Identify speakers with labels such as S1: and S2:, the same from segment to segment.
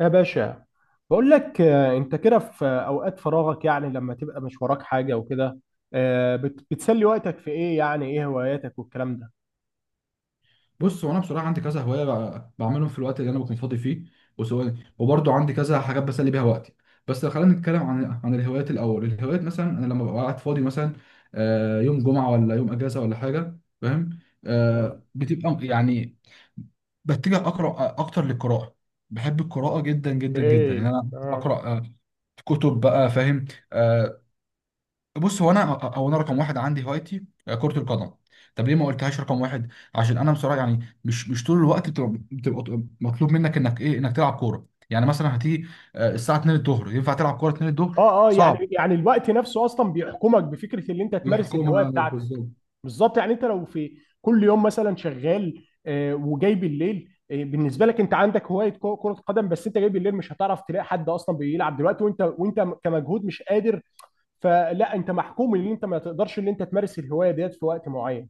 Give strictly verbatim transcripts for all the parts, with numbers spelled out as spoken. S1: يا باشا بقول لك آه، انت كده في آه، اوقات فراغك، يعني لما تبقى مش وراك حاجه وكده، آه، بت- بتسلي وقتك في ايه؟ يعني ايه هواياتك والكلام ده؟
S2: بص هو انا بصراحه عندي كذا هوايه، بع- بعملهم في الوقت اللي انا بكون فاضي فيه، وسواء وبرضه عندي كذا حاجات بسلي بيها وقتي. بس لو خلينا نتكلم عن عن الهوايات الاول، الهوايات مثلا انا لما ببقى قاعد فاضي مثلا، آه، يوم جمعه ولا يوم اجازه ولا حاجه، فاهم؟
S1: اه.
S2: آه، بتبقى يعني بتجه اقرا اكتر للقراءه. بحب القراءه جدا جدا جدا،
S1: اوكي.
S2: يعني انا
S1: اه.
S2: بقرا آه، كتب بقى، فاهم؟ آه، بص هو انا هو انا رقم واحد عندي هوايتي كرة القدم. طب ليه ما قلتهاش رقم واحد؟ عشان انا بصراحة يعني مش مش طول الوقت بتبقى, بتبقى مطلوب منك انك ايه، انك تلعب كورة. يعني مثلا هتيجي آه، الساعة اتنين الظهر، ينفع تلعب كورة اتنين الظهر؟
S1: اه. اه.
S2: صعب.
S1: يعني يعني الوقت نفسه اصلا بيحكمك بفكره اللي انت تمارس الهوايه
S2: بالحكومة
S1: بتاعتك.
S2: بالظبط.
S1: بالظبط، يعني انت لو في كل يوم مثلا شغال، آه، وجاي بالليل، آه، بالنسبه لك انت عندك هوايه كو- كره قدم، بس انت جاي بالليل مش هتعرف تلاقي حد اصلا بيلعب دلوقتي، وانت وانت كمجهود مش قادر. فلا انت محكوم ان انت ما تقدرش ان انت تمارس الهوايه ديت في وقت معين.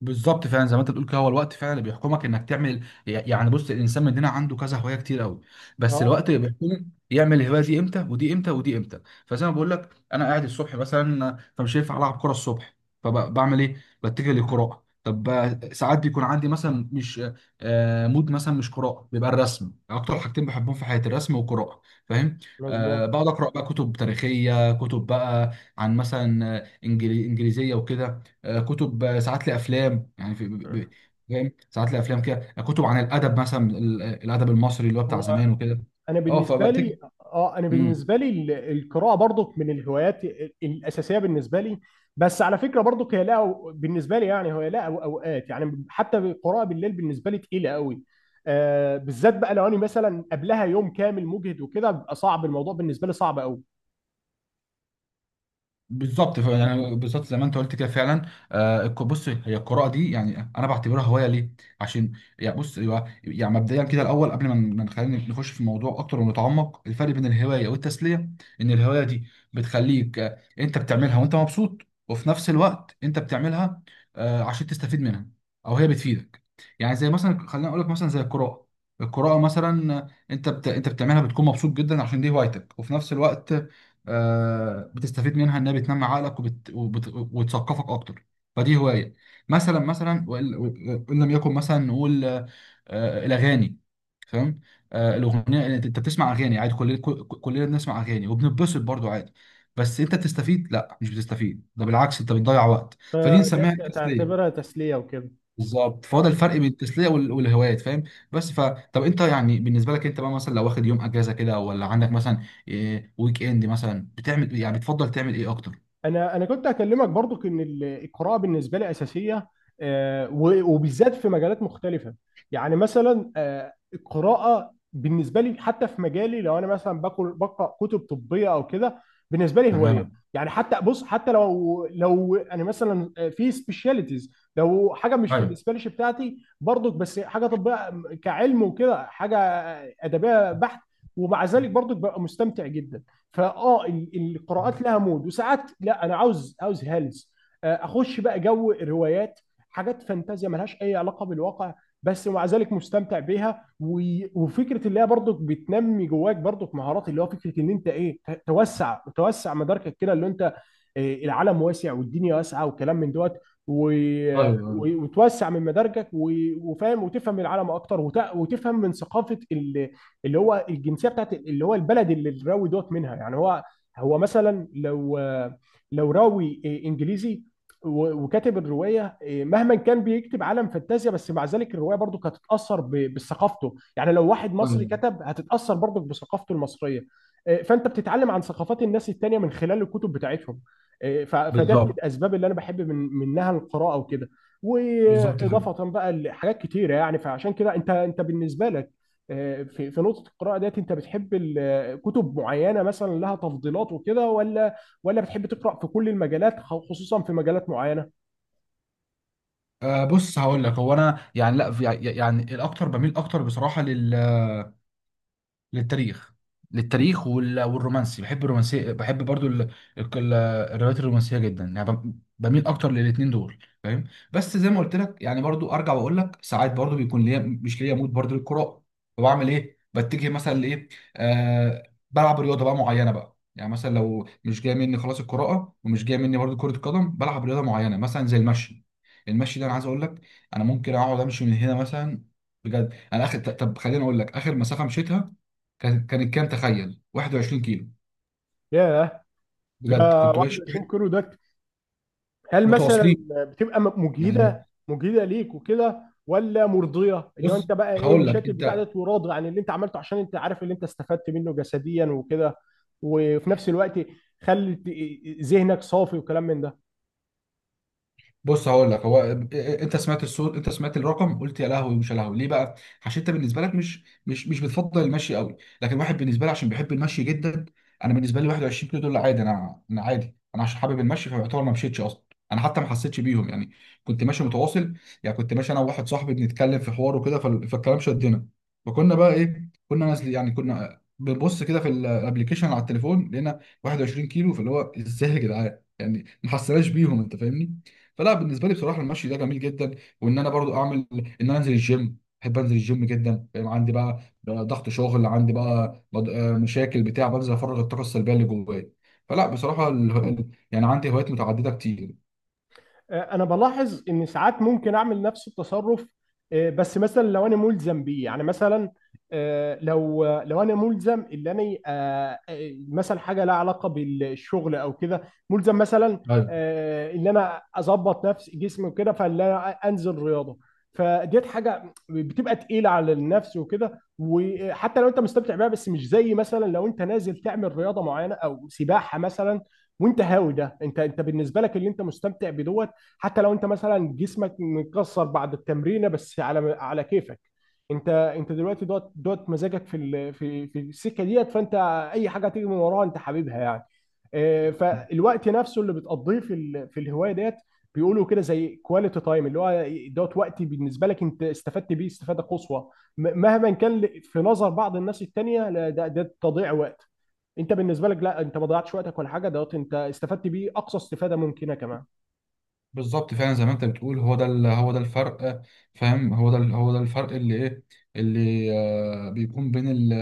S2: بالظبط فعلا زي ما انت بتقول كده، هو الوقت فعلا اللي بيحكمك انك تعمل. يعني بص الانسان مننا عنده كذا هوايه كتير قوي، بس
S1: اه،
S2: الوقت اللي بيحكمه يعمل الهوايه دي امتى ودي امتى ودي امتى. فزي ما بقول لك، انا قاعد الصبح مثلا، فمش هينفع العب كوره الصبح، فبعمل ايه؟ بتجه للقراءه. طب آه، ساعات بيكون عندي مثلا مش آه مود مثلا مش قراءه، بيبقى الرسم. اكتر حاجتين بحبهم في حياتي الرسم والقراءه، فاهم؟
S1: مظبوط.
S2: آه بقعد اقرا بقى كتب تاريخيه، كتب بقى عن مثلا آه، إنجلي- انجليزيه وكده، آه، كتب، آه، ساعات لي افلام، يعني في ب-
S1: مم.
S2: ب- فاهم، ساعات لي افلام كده، آه، كتب عن الادب مثلا، ال- الادب المصري اللي هو بتاع
S1: هو
S2: زمان وكده.
S1: انا
S2: اه،
S1: بالنسبه لي
S2: فبتيجي.
S1: اه، انا بالنسبه لي ال- القراءه برضك من الهوايات ال- الاساسيه بالنسبه لي. بس على فكره برضك هي لا، بالنسبه لي يعني هي لا، أو- اوقات يعني حتى القراءه بالليل بالنسبه لي تقيله قوي. آه، بالذات بقى لو انا مثلا قبلها يوم كامل مجهد وكده، بيبقى صعب الموضوع بالنسبه لي، صعب قوي.
S2: بالظبط، ف- يعني بالظبط زي ما انت قلت كده فعلا. آه الك- بص، هي القراءه دي يعني انا بعتبرها هوايه ليه؟ عشان يعني بص، يبقى- يعني مبدئيا كده، الاول قبل ما ن- ما نخلينا نخش في الموضوع اكتر ونتعمق، الفرق بين الهوايه والتسليه ان الهوايه دي بتخليك آه، انت بتعملها وانت مبسوط، وفي نفس الوقت انت بتعملها آه عشان تستفيد منها، او هي بتفيدك. يعني زي مثلا، خلينا اقول لك مثلا زي القراءه، القراءه مثلا آه، انت بت... انت بتعملها بتكون مبسوط جدا عشان دي هوايتك، وفي نفس الوقت آه، بتستفيد منها، انها بتنمي عقلك وبت... وبت... وتثقفك اكتر. فدي هوايه. مثلا مثلا وان وإن لم يكن، مثلا نقول آه، آه، الاغاني، فاهم؟ آه، الاغنيه، انت أنت بتسمع اغاني عادي، كلنا كل- كلنا بنسمع اغاني وبنتبسط برضو عادي. بس انت بتستفيد؟ لا، مش بتستفيد، ده بالعكس انت بتضيع وقت، فدي
S1: فده
S2: نسميها.
S1: تعتبرها تسليه وكده.
S2: بالظبط، فهو ده الفرق بين التسليه وال- والهوايات، فاهم؟ بس ف طب انت يعني بالنسبه لك انت بقى، مثلا لو واخد يوم اجازه كده ولا عندك مثلا، إيه، ويك اند مثلا، بتعمل إيه؟ يعني بتفضل تعمل ايه اكتر؟
S1: انا انا كنت هكلمك برضو ان ال- القراءه بالنسبه لي اساسيه، آه، و- وبالذات في مجالات مختلفه. يعني مثلا، آه، القراءه بالنسبه لي حتى في مجالي، لو انا مثلا باكل بقرا كتب طبيه او كده، بالنسبه لي هوايه.
S2: تمام.
S1: يعني حتى بص، حتى لو لو انا مثلا، آه، في سبيشاليتيز، لو حاجه مش في
S2: ايوه،
S1: السبيشاليتي بتاعتي برضك، بس حاجه طبيه كعلم وكده، حاجه آه، ادبيه بحت، ومع ذلك برضك ببقى مستمتع جدا. فاه ال- القراءات لها مود، وساعات لا، انا عاوز عاوز هلس، آه، اخش بقى جو الروايات، حاجات فانتازيا ملهاش اي علاقه بالواقع، بس ومع ذلك مستمتع بيها. و- وفكره اللي هي برضك بتنمي جواك برضك مهارات، اللي هو فكره ان انت ايه، ت- توسع توسع مداركك كده، اللي انت، آه، العالم واسع والدنيا واسعه وكلام من دوت، و-
S2: ايوه،
S1: و- وتوسع من مداركك، و- وفاهم، وتفهم العالم اكتر، وت- وتفهم من ثقافه ال اللي هو الجنسيه بتاعت اللي هو البلد اللي الراوي دوت منها. يعني هو، هو مثلا لو، لو راوي انجليزي و- وكاتب الروايه إيه، مهما كان بيكتب عالم فانتازيا، بس مع ذلك الروايه برضو هتتاثر ب- بثقافته. يعني لو واحد مصري
S2: ايوه.
S1: كتب، هتتاثر برضو بثقافته المصريه. إيه، فانت بتتعلم عن ثقافات الناس التانيه من خلال الكتب بتاعتهم. إيه، ف- فده من
S2: بالظبط.
S1: الاسباب اللي انا بحب من منها القراءه وكده،
S2: بالظبط كده.
S1: واضافه بقى لحاجات كتيره. يعني فعشان كده انت، انت بالنسبه لك في في نقطة القراءة ديت، انت بتحب ال- كتب معينة مثلا لها تفضيلات وكده، ولا ولا بتحب تقرأ في كل المجالات، خ- خصوصا في مجالات معينة؟
S2: آه بص هقول لك، هو انا يعني لا، في- يعني الاكتر بميل اكتر بصراحه للتاريخ. للتاريخ وال- والرومانسي، بحب الرومانسيه، بحب برضو ال- الك- ال- الروايات الرومانسيه جدا، يعني بم- بميل اكتر للاتنين دول، فاهم؟ بس زي ما قلت لك يعني، برضو ارجع واقول لك ساعات برضو بيكون ليا مش ليا مود برضو للقراءه، فبعمل ايه؟ بتجه مثلا لايه، آه بلعب رياضه بقى معينه بقى. يعني مثلا لو مش جاي مني خلاص القراءه، ومش جاي مني برضو كره القدم، بلعب رياضه معينه مثلا زي المشي. المشي ده انا عايز اقول لك، انا ممكن اقعد امشي من هنا مثلا. بجد انا اخر، طب خليني اقول لك اخر مسافه مشيتها، كان كانت كام، تخيل، واحد وعشرين كيلو.
S1: ياه،
S2: بجد
S1: ده
S2: كنت ماشي
S1: واحد وعشرين كيلو ده؟ هل مثلا
S2: متواصلين،
S1: بتبقى م-
S2: يعني
S1: مجهدة مجهدة ليك وكده، ولا مرضية، اللي هو
S2: بص
S1: انت بقى ايه
S2: هقول لك
S1: مشات البتاع
S2: انت.
S1: ده وراضي عن اللي انت عملته، عشان انت عارف اللي انت استفدت منه جسديا وكده، وفي نفس الوقت خلت ذهنك صافي وكلام من ده.
S2: بص هقول لك هو إيه، إيه، انت سمعت الصوت، انت سمعت الرقم، قلت يا لهوي. مش يا لهوي ليه بقى؟ عشان انت بالنسبه لك مش مش مش بتفضل المشي قوي. لكن واحد بالنسبه لي عشان بيحب المشي جدا، انا بالنسبه لي واحد وعشرين كيلو دول عادي، انا انا عادي، انا عشان حابب المشي، فيعتبر ما مشيتش اصلا، انا حتى ما حسيتش بيهم. يعني كنت ماشي متواصل، يعني كنت ماشي انا وواحد صاحبي بنتكلم في حوار وكده، فال- فالكلام شدنا، فكنا بقى ايه، كنا نازل، يعني كنا بنبص كده في الابلكيشن على التليفون، لقينا واحد وعشرين كيلو، فاللي هو ازاي يا جدعان، يعني ما حسناش بيهم، انت فاهمني؟ فلا، بالنسبه لي بصراحه المشي ده جميل جدا. وان انا برضو اعمل ان انا انزل الجيم، بحب انزل الجيم جدا، فاهم؟ عندي بقى بقى ضغط شغل، عندي بقى بض- آه، مشاكل بتاع، بنزل افرغ الطاقه السلبيه اللي جوايا. فلا بصراحه ال... ال- يعني عندي هوايات متعدده كتير.
S1: آه، انا بلاحظ ان ساعات ممكن اعمل نفس التصرف، آه، بس مثلا لو انا ملزم بيه. يعني مثلا، آه، لو لو انا ملزم ان انا، آه، آه، مثلا حاجه لها علاقه بالشغل او كده، ملزم مثلا، آه، ان انا اظبط نفسي جسمي وكده، فان انا انزل رياضه. فديت حاجه بتبقى تقيله على النفس وكده، وحتى لو انت مستمتع بيها، بس مش زي مثلا لو انت نازل تعمل رياضه معينه او سباحه مثلا وانت هاوي ده. انت انت بالنسبه لك اللي انت مستمتع بدوت، حتى لو انت مثلا جسمك متكسر بعد التمرينه، بس على على كيفك. انت انت دلوقتي دوت دوت مزاجك في ال- في في السكه ديت، فانت اي حاجه تيجي من وراها انت حبيبها يعني. آه، فالوقت نفسه اللي بتقضيه في ال- في الهوايه ديت، بيقولوا كده زي كواليتي تايم، اللي هو دوت وقت بالنسبه لك انت استفدت بيه استفاده قصوى، م- مهما كان ل- في نظر بعض الناس التانيه، لا، ده ده تضييع وقت. انت بالنسبه لك لا، انت ما ضيعتش وقتك ولا حاجه، دوت انت استفدت بيه اقصى استفاده ممكنه كمان.
S2: بالظبط، فعلا زي ما انت بتقول، هو ده ال- هو ده الفرق. فاهم؟ هو ده ال- هو ده الفرق اللي ايه، اللي آه بيكون بين ال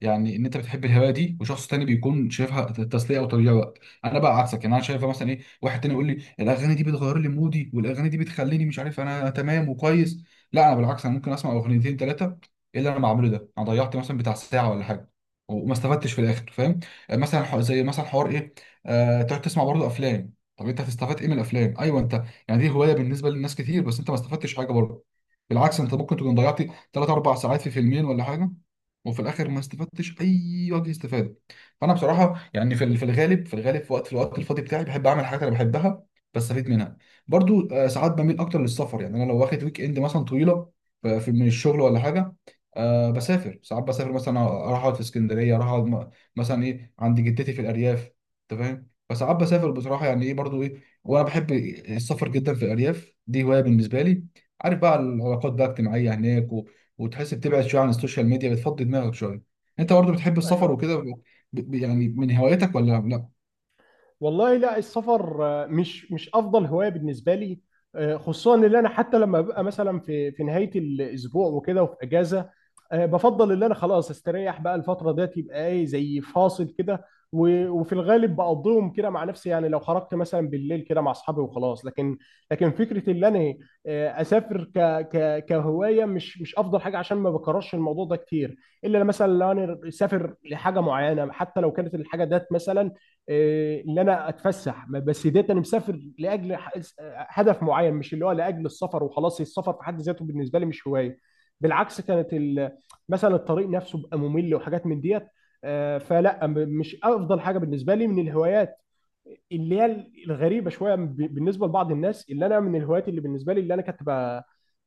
S2: يعني ان انت بتحب الهوايه دي، وشخص تاني بيكون شايفها تسليه او تضييع وقت. انا بقى عكسك، يعني انا شايفها مثلا، ايه، واحد تاني يقول لي الاغاني دي بتغير لي مودي، والاغاني دي بتخليني مش عارف، انا تمام وكويس. لا انا بالعكس، انا ممكن اسمع اغنيتين ثلاثه، ايه اللي انا بعمله ده؟ انا ضيعت مثلا بتاع ساعه ولا حاجه، وما استفدتش في الاخر، فاهم؟ آه، مثلا ح- زي مثلا حوار ايه، آه تقعد تسمع برضه افلام. طب انت هتستفاد ايه من الافلام؟ ايوه انت يعني دي هوايه بالنسبه للناس كتير، بس انت ما استفدتش حاجه برضه، بالعكس انت ممكن تكون ضيعت تلاته اربعه ساعات في فيلمين ولا حاجه، وفي الاخر ما استفدتش اي وجه استفاده. فانا بصراحه يعني في ال- في الغالب في الغالب في وقت في الوقت الفاضي بتاعي بحب اعمل حاجات انا بحبها، بستفيد منها. برضو آه، ساعات بميل اكتر للسفر. يعني انا لو واخد ويك اند مثلا طويله ف- في من الشغل ولا حاجه، أه بسافر. ساعات بسافر مثلا اروح اقعد في اسكندريه، اروح اقعد م- مثلا ايه عند جدتي في الارياف، انت فاهم؟ فساعات بسافر بصراحه، يعني ايه برضو، ايه، وانا بحب السفر جدا في الارياف، دي هوايه بالنسبه لي. عارف بقى العلاقات بقى اجتماعيه هناك و... وتحس بتبعد شويه عن السوشيال ميديا، بتفضي دماغك شويه. انت برضو بتحب السفر
S1: ايوه.
S2: وكده ب... ب... يعني من هواياتك ولا لا؟
S1: والله لا، السفر، آه، مش مش افضل هوايه بالنسبه لي. آه، خصوصا ان انا حتى لما ببقى مثلا في في نهايه الاسبوع وكده وفي اجازه، آه، بفضل ان انا خلاص استريح بقى الفتره ديت، يبقى ايه زي فاصل كده. و- وفي الغالب بقضيهم كده مع نفسي، يعني لو خرجت مثلا بالليل كده مع اصحابي وخلاص. لكن، لكن فكره ان انا، آه، اسافر ك ك كهوايه، مش مش افضل حاجه، عشان ما بكررش الموضوع ده كتير، الا مثلا لو انا اسافر لحاجه معينه. حتى لو كانت الحاجه ديت مثلا إيه، ان انا اتفسح، ما- بس ديت انا مسافر لاجل ح- هدف معين، مش اللي هو لاجل السفر وخلاص. السفر في حد ذاته بالنسبه لي مش هوايه، بالعكس كانت ال- مثلا الطريق نفسه بقى ممل وحاجات من ديت. آه، فلا م- مش افضل حاجه بالنسبه لي من الهوايات. اللي هي الغريبه شويه ب- بالنسبه لبعض الناس، اللي انا من الهوايات اللي بالنسبه لي، اللي انا كنت ب-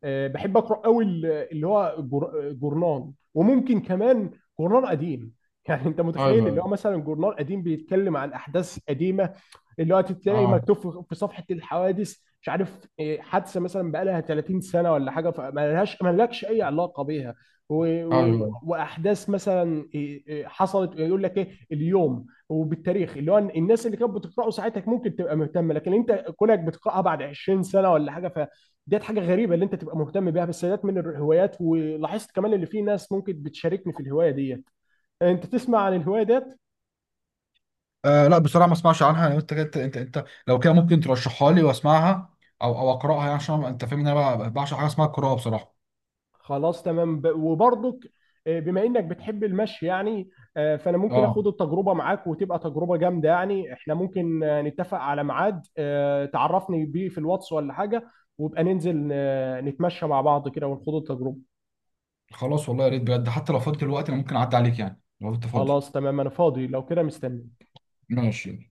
S1: آه، بحب اقرا قوي، اللي هو جر- جورنان، وممكن كمان جورنان قديم. يعني انت متخيل
S2: ايوه.
S1: اللي هو مثلا جورنال قديم بيتكلم عن احداث قديمه، اللي هو تلاقي
S2: اه.
S1: مكتوب في في صفحه الحوادث، مش عارف إيه، حادثه مثلا بقى لها ثلاثين سنه ولا حاجه، فما لهاش ما لكش اي علاقه بيها. و... و...
S2: ايوه.
S1: واحداث مثلا إيه، إيه، حصلت، يقول لك ايه اليوم وبالتاريخ، اللي هو الناس اللي كانت بتقراه ساعتها ممكن تبقى مهتمه، لكن انت كونك بتقراها بعد عشرين سنه ولا حاجه، ف ديت حاجه غريبه اللي انت تبقى مهتم بيها. بس ديت من الهوايات، ولاحظت كمان اللي في ناس ممكن بتشاركني في الهوايه ديت. انت تسمع عن الهوايه ديت؟
S2: آه لا بصراحه ما اسمعش عنها، يعني انت انت انت انت لو كده ممكن ترشحها لي واسمعها، او او اقراها، يعني عشان انت فاهم ان انا بقى- بعشق حاجه اسمها القراءه بصراحه.
S1: خلاص تمام. ب- وبرضك، آه، بما انك بتحب المشي يعني، آه، فانا ممكن
S2: اه.
S1: اخد التجربه معاك وتبقى تجربه جامده. يعني احنا ممكن، آه، نتفق على ميعاد، آه، تعرفني بيه في الواتس ولا حاجه، وابقى ننزل، آه، نتمشى مع بعض كده ونخوض التجربه.
S2: خلاص، والله يا ريت بجد، حتى لو فاضي دلوقتي انا ممكن اعدي عليك، يعني لو انت فاضي.
S1: خلاص تمام، انا فاضي، لو كده مستني.
S2: ماشي.